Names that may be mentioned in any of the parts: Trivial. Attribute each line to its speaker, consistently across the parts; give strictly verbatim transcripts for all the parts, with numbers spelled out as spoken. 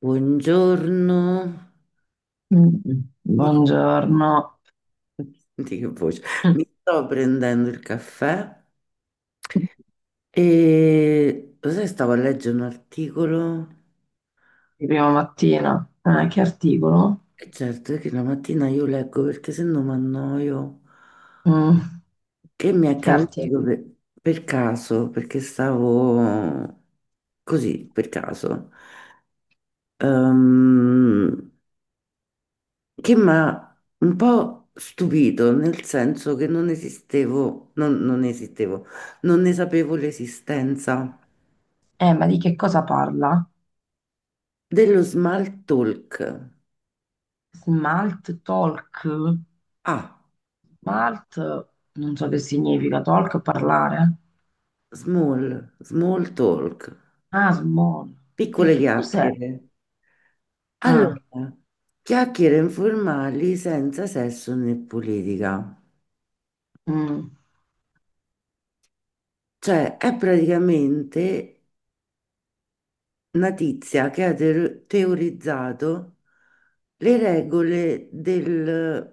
Speaker 1: Buongiorno,
Speaker 2: Mm.
Speaker 1: mi sto,
Speaker 2: Buongiorno,
Speaker 1: senti che voce? Mi sto prendendo il caffè e lo sai, stavo a leggere un articolo
Speaker 2: di prima mattina. Eh, che articolo?
Speaker 1: e certo è che la mattina io leggo perché se no mi annoio,
Speaker 2: Mm.
Speaker 1: che mi è
Speaker 2: Che
Speaker 1: capitato
Speaker 2: articolo?
Speaker 1: per, per caso, perché stavo così, per caso. Ehm, che mi ha un po' stupito, nel senso che non esistevo, non, non esistevo, non ne sapevo l'esistenza
Speaker 2: Eh, ma di che cosa parla?
Speaker 1: dello small talk.
Speaker 2: Smalt talk?
Speaker 1: Ah,
Speaker 2: Smalt, non so che significa, talk parlare.
Speaker 1: small, small talk,
Speaker 2: Ah, small. E
Speaker 1: piccole
Speaker 2: che cos'è?
Speaker 1: chiacchiere.
Speaker 2: Ah,
Speaker 1: Allora, chiacchiere informali senza sesso né politica.
Speaker 2: mm.
Speaker 1: Cioè, è praticamente una tizia che ha teo- teorizzato. Le regole del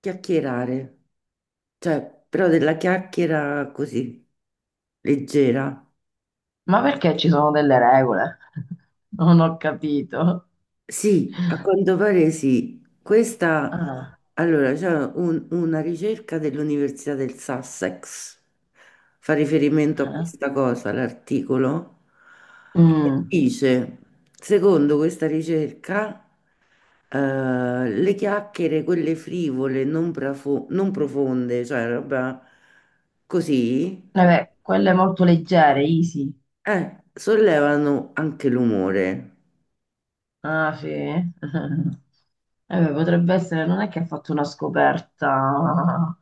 Speaker 1: chiacchierare, cioè però della chiacchiera così leggera.
Speaker 2: Ma perché ci sono delle regole? Non ho capito.
Speaker 1: Sì, a quanto pare sì. Questa,
Speaker 2: Ah,
Speaker 1: allora, c'è un- una ricerca dell'Università del Sussex, fa riferimento a
Speaker 2: eh.
Speaker 1: questa cosa, l'articolo, che
Speaker 2: Mm.
Speaker 1: dice, secondo questa ricerca, eh, le chiacchiere, quelle frivole, non, prafo- non profonde, cioè roba così,
Speaker 2: Vabbè, quelle molto leggere, easy.
Speaker 1: eh, sollevano anche l'umore.
Speaker 2: Ah, sì. Eh, beh, potrebbe essere, non è che ha fatto una scoperta,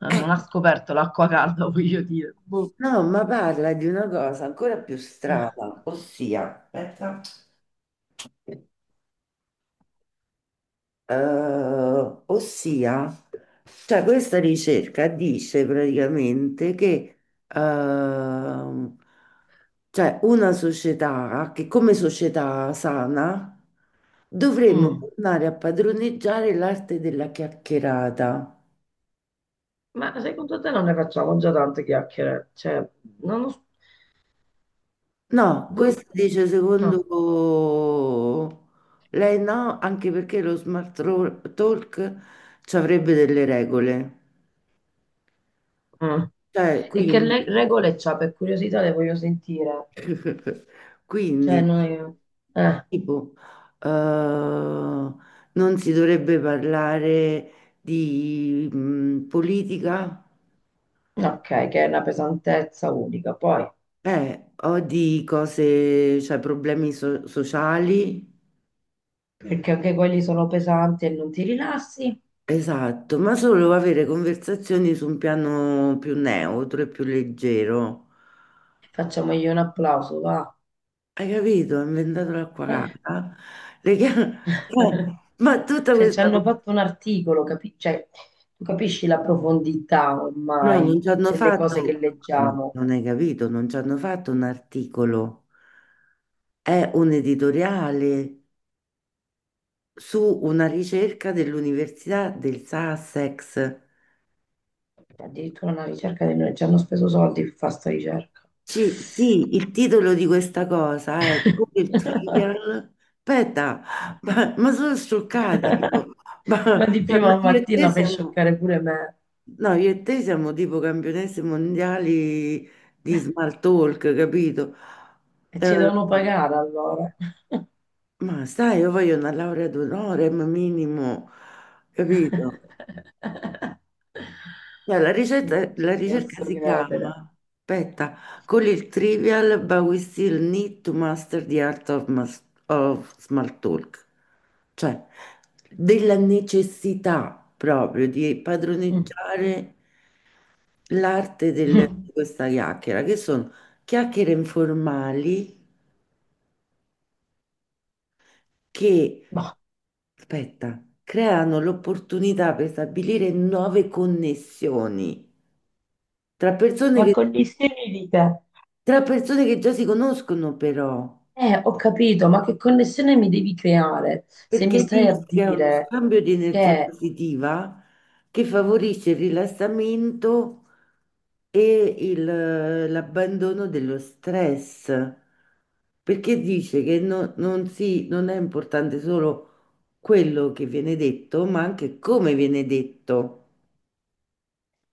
Speaker 2: eh,
Speaker 1: Eh,
Speaker 2: non ha scoperto l'acqua calda, voglio dire. Boh.
Speaker 1: no, ma parla di una cosa ancora più strana, ossia, aspetta. Eh, ossia, cioè questa ricerca dice praticamente che ehm, cioè una società che come società sana dovremmo
Speaker 2: Mm.
Speaker 1: tornare a padroneggiare l'arte della chiacchierata.
Speaker 2: Ma secondo te non ne facciamo già tante chiacchiere? Cioè, non lo s-
Speaker 1: No, questo
Speaker 2: boh,
Speaker 1: dice secondo
Speaker 2: no.
Speaker 1: lei no, anche perché lo smart ro- talk ci avrebbe delle regole.
Speaker 2: Mm.
Speaker 1: Cioè,
Speaker 2: E che le-
Speaker 1: quindi
Speaker 2: regole c'ha? Per curiosità le voglio sentire. Cioè,
Speaker 1: quindi,
Speaker 2: noi... eh,
Speaker 1: tipo, eh, non si dovrebbe parlare di mh, politica
Speaker 2: no, ok, che è una pesantezza unica. Poi,
Speaker 1: eh, o di cose, cioè problemi so- sociali.
Speaker 2: perché anche quelli sono pesanti e non ti rilassi?
Speaker 1: Esatto, ma solo avere conversazioni su un piano più neutro e più leggero.
Speaker 2: Facciamogli un applauso, va.
Speaker 1: Hai capito? Ho inventato l'acqua
Speaker 2: Eh.
Speaker 1: calda. Le chia- ma tutta
Speaker 2: Se ci
Speaker 1: questa...
Speaker 2: hanno fatto un articolo, capi- cioè, tu capisci la profondità
Speaker 1: No, non
Speaker 2: ormai
Speaker 1: ci hanno
Speaker 2: delle cose che
Speaker 1: fatto, no,
Speaker 2: leggiamo.
Speaker 1: non hai capito, non ci hanno fatto un articolo, è un editoriale su una ricerca dell'Università del Sussex.
Speaker 2: Addirittura una ricerca di noi, ci hanno speso soldi per fare sta ricerca.
Speaker 1: Ci- sì, il titolo di questa cosa è Come il Trivial. Aspetta, ma, ma sono scioccata io.
Speaker 2: Ma
Speaker 1: Ma,
Speaker 2: di
Speaker 1: cioè,
Speaker 2: prima
Speaker 1: no, io e te
Speaker 2: mattina fai
Speaker 1: siamo,
Speaker 2: scioccare pure me.
Speaker 1: no, io e te siamo tipo campionesse mondiali di small talk, capito?
Speaker 2: E
Speaker 1: Eh,
Speaker 2: ci devono pagare allora.
Speaker 1: Ma sai, io voglio una laurea d'onore, ma minimo, capito? Cioè, la
Speaker 2: Non
Speaker 1: ricerca,
Speaker 2: ci
Speaker 1: la ricerca
Speaker 2: posso
Speaker 1: si chiama,
Speaker 2: credere.
Speaker 1: aspetta, con il trivial, but we still need to master the art of, mas- of small talk. Cioè, della necessità proprio di
Speaker 2: Mm.
Speaker 1: padroneggiare l'arte del- di questa chiacchiera, che sono chiacchiere informali che,
Speaker 2: Ma,
Speaker 1: aspetta, creano l'opportunità per stabilire nuove connessioni tra persone
Speaker 2: ma
Speaker 1: che,
Speaker 2: con gli semi di te.
Speaker 1: tra persone che già si conoscono, però,
Speaker 2: Eh, ho capito, ma che connessione mi devi creare se mi
Speaker 1: perché
Speaker 2: stai a
Speaker 1: rischia uno
Speaker 2: dire
Speaker 1: scambio di energia
Speaker 2: che,
Speaker 1: positiva che favorisce il rilassamento e il- l'abbandono dello stress. Perché dice che no- non si- non è importante solo quello che viene detto, ma anche come viene detto.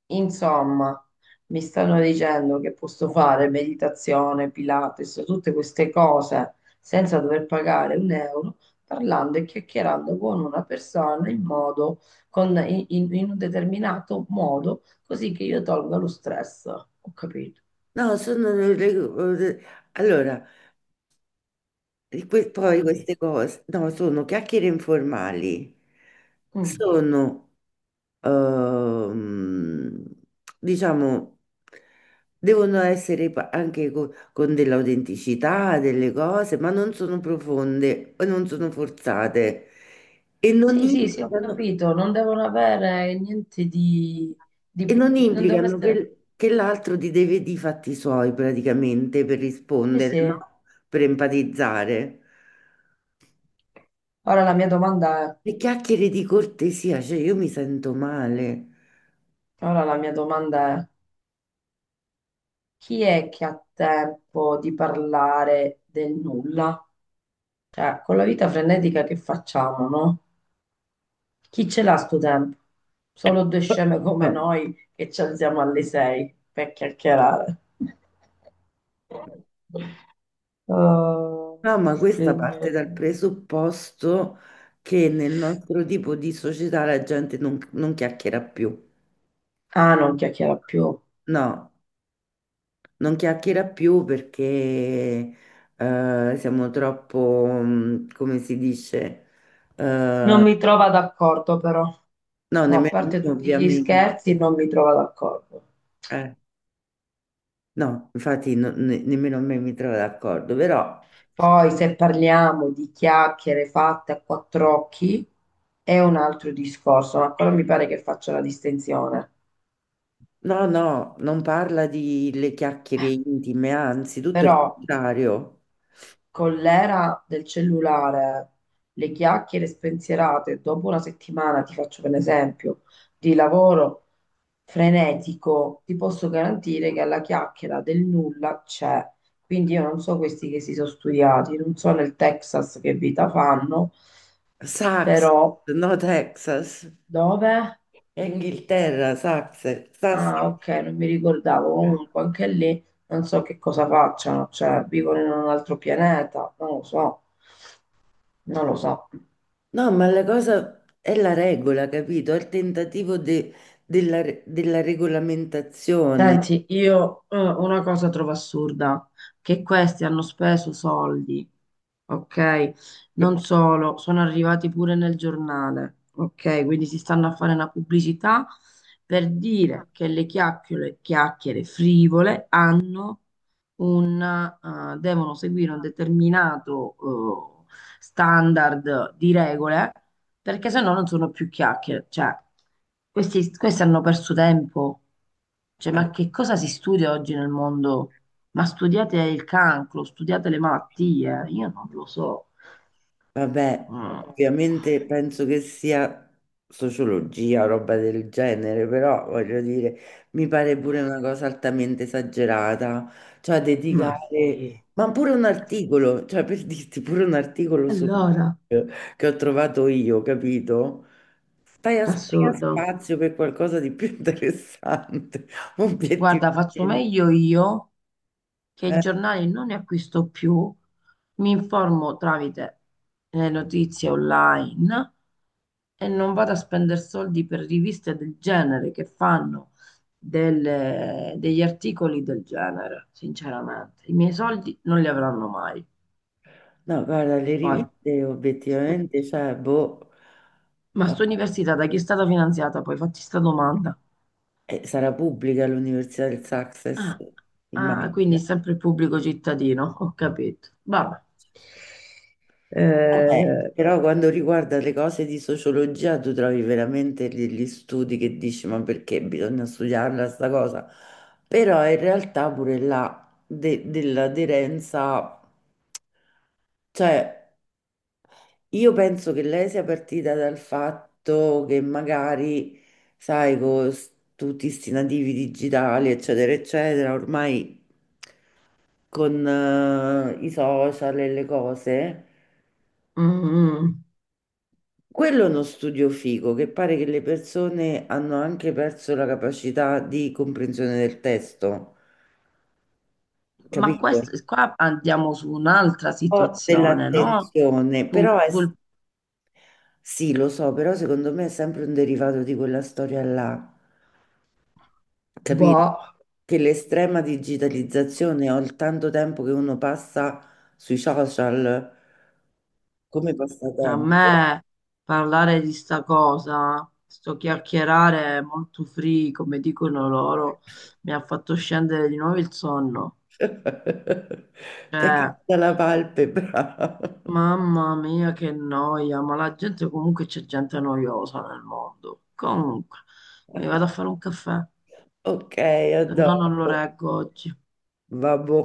Speaker 2: insomma, mi stanno dicendo che posso fare meditazione, Pilates, tutte queste cose senza dover pagare un euro, parlando e chiacchierando con una persona in modo, con- in, in- in un determinato modo, così che io tolga lo stress. Ho capito,
Speaker 1: No, sono le- le- allora, di que-
Speaker 2: ho
Speaker 1: poi
Speaker 2: capito.
Speaker 1: queste cose, no, sono chiacchiere informali,
Speaker 2: Mm.
Speaker 1: sono, ehm, diciamo, devono essere pa- anche co- con, dell'autenticità, delle cose, ma non sono profonde, e non sono forzate e non
Speaker 2: Sì, sì, sì, ho
Speaker 1: implicano.
Speaker 2: capito, non devono avere niente di,
Speaker 1: E
Speaker 2: di-
Speaker 1: non
Speaker 2: non devono
Speaker 1: implicano
Speaker 2: essere...
Speaker 1: che, che l'altro ti deve di fatti suoi praticamente per
Speaker 2: Eh
Speaker 1: rispondere,
Speaker 2: sì,
Speaker 1: no? Per empatizzare.
Speaker 2: ora la mia domanda è,
Speaker 1: Le chiacchiere di cortesia, cioè io mi sento male.
Speaker 2: ora la mia domanda è, chi è che ha tempo di parlare del nulla? Cioè, con la vita frenetica che facciamo, no? Chi ce l'ha sto tempo? Solo due sceme come
Speaker 1: No,
Speaker 2: noi che ci alziamo alle sei per chiacchierare. Oh,
Speaker 1: ma questa parte
Speaker 2: signore.
Speaker 1: dal presupposto che nel nostro tipo di società la gente non, non chiacchiera più.
Speaker 2: Ah, non chiacchiera più.
Speaker 1: No, non chiacchiera più perché eh, siamo troppo, mm, come si dice, eh,
Speaker 2: Non mi trova d'accordo però,
Speaker 1: no,
Speaker 2: ma a
Speaker 1: nemmeno
Speaker 2: parte
Speaker 1: me,
Speaker 2: tutti gli
Speaker 1: ovviamente.
Speaker 2: scherzi, non mi trova d'accordo.
Speaker 1: Eh, no, infatti no- ne- nemmeno me mi trovo d'accordo, però
Speaker 2: Poi se parliamo di chiacchiere fatte a quattro occhi è un altro discorso, ma ancora mi pare che faccia la distinzione.
Speaker 1: no, no, non parla di le chiacchiere
Speaker 2: Eh,
Speaker 1: intime, anzi, tutto il
Speaker 2: Però
Speaker 1: contrario.
Speaker 2: con l'era del cellulare, le chiacchiere spensierate dopo una settimana, ti faccio per esempio, di lavoro frenetico, ti posso garantire che alla chiacchiera del nulla c'è. Quindi io non so questi che si sono studiati, non so nel Texas che vita fanno,
Speaker 1: Sax,
Speaker 2: però
Speaker 1: no Texas,
Speaker 2: dove?
Speaker 1: è Inghilterra, Sax, Sax.
Speaker 2: Ah, ok, non mi ricordavo. Comunque anche lì non so che cosa facciano, cioè vivono in un altro pianeta, non lo so, non lo so.
Speaker 1: No, ma la cosa è la regola, capito? È il tentativo de- della, re- della regolamentazione.
Speaker 2: Senti, io eh, una cosa trovo assurda, che questi hanno speso soldi, ok? Non solo, sono arrivati pure nel giornale, ok? Quindi si stanno a fare una pubblicità per dire che le chiacchiere, chiacchiere frivole hanno un, eh, devono seguire un determinato eh, standard di regole perché sennò non sono più chiacchiere. Cioè, questi, questi hanno perso tempo. Cioè, ma che cosa si studia oggi nel mondo? Ma studiate il cancro, studiate le malattie, io non lo so.
Speaker 1: Vabbè,
Speaker 2: Mm.
Speaker 1: ovviamente penso che sia sociologia o roba del genere, però voglio dire, mi pare pure una cosa altamente esagerata, cioè
Speaker 2: Ma
Speaker 1: dedicare,
Speaker 2: sì,
Speaker 1: ma pure un articolo, cioè per dirti pure un articolo su
Speaker 2: allora,
Speaker 1: che ho trovato io, capito? Stai a sprecare
Speaker 2: assurdo.
Speaker 1: spazio per qualcosa di più interessante,
Speaker 2: Guarda,
Speaker 1: obiettivamente.
Speaker 2: faccio meglio io che i
Speaker 1: Eh,
Speaker 2: giornali non ne acquisto più, mi informo tramite le notizie online e non vado a spendere soldi per riviste del genere che fanno delle- degli articoli del genere, sinceramente. I miei soldi non li avranno mai.
Speaker 1: no, guarda, le
Speaker 2: Poi,
Speaker 1: riviste
Speaker 2: stu-
Speaker 1: obiettivamente, cioè, boh.
Speaker 2: ma
Speaker 1: Eh,
Speaker 2: sta università da chi è stata finanziata? Poi fatti sta domanda.
Speaker 1: Eh, sarà pubblica l'Università del Success,
Speaker 2: Ah, ah, quindi
Speaker 1: immagino.
Speaker 2: sempre il pubblico cittadino, ho capito.
Speaker 1: Eh,
Speaker 2: Vabbè.
Speaker 1: certo. Vabbè,
Speaker 2: Eh,
Speaker 1: però
Speaker 2: vabbè.
Speaker 1: quando riguarda le cose di sociologia, tu trovi veramente degli studi che dici, ma perché bisogna studiarla sta cosa? Però in realtà pure là de- dell'aderenza, cioè io penso che lei sia partita dal fatto che magari, sai, con s- tutti questi nativi digitali, eccetera, eccetera, ormai, con eh, i social e le cose,
Speaker 2: Mm,
Speaker 1: quello è uno studio figo che pare che le persone hanno anche perso la capacità di comprensione del testo,
Speaker 2: ma
Speaker 1: capito?
Speaker 2: questo, qua andiamo su un'altra
Speaker 1: O
Speaker 2: situazione, no?
Speaker 1: dell'attenzione,
Speaker 2: Tu,
Speaker 1: però è,
Speaker 2: sul,
Speaker 1: sì, lo so, però secondo me è sempre un derivato di quella storia là, capito?
Speaker 2: boh.
Speaker 1: Che l'estrema digitalizzazione o il tanto tempo che uno passa sui social come
Speaker 2: A
Speaker 1: passatempo.
Speaker 2: me parlare di sta cosa, sto chiacchierare molto free, come dicono loro, mi ha fatto scendere di nuovo il sonno. Cioè,
Speaker 1: Tacchino della Valpe, bravo.
Speaker 2: mamma mia, che noia, ma la gente comunque c'è gente noiosa nel mondo. Comunque, mi vado a fare un caffè,
Speaker 1: Ok,
Speaker 2: se no non lo
Speaker 1: adoro.
Speaker 2: reggo oggi.
Speaker 1: Vabbò.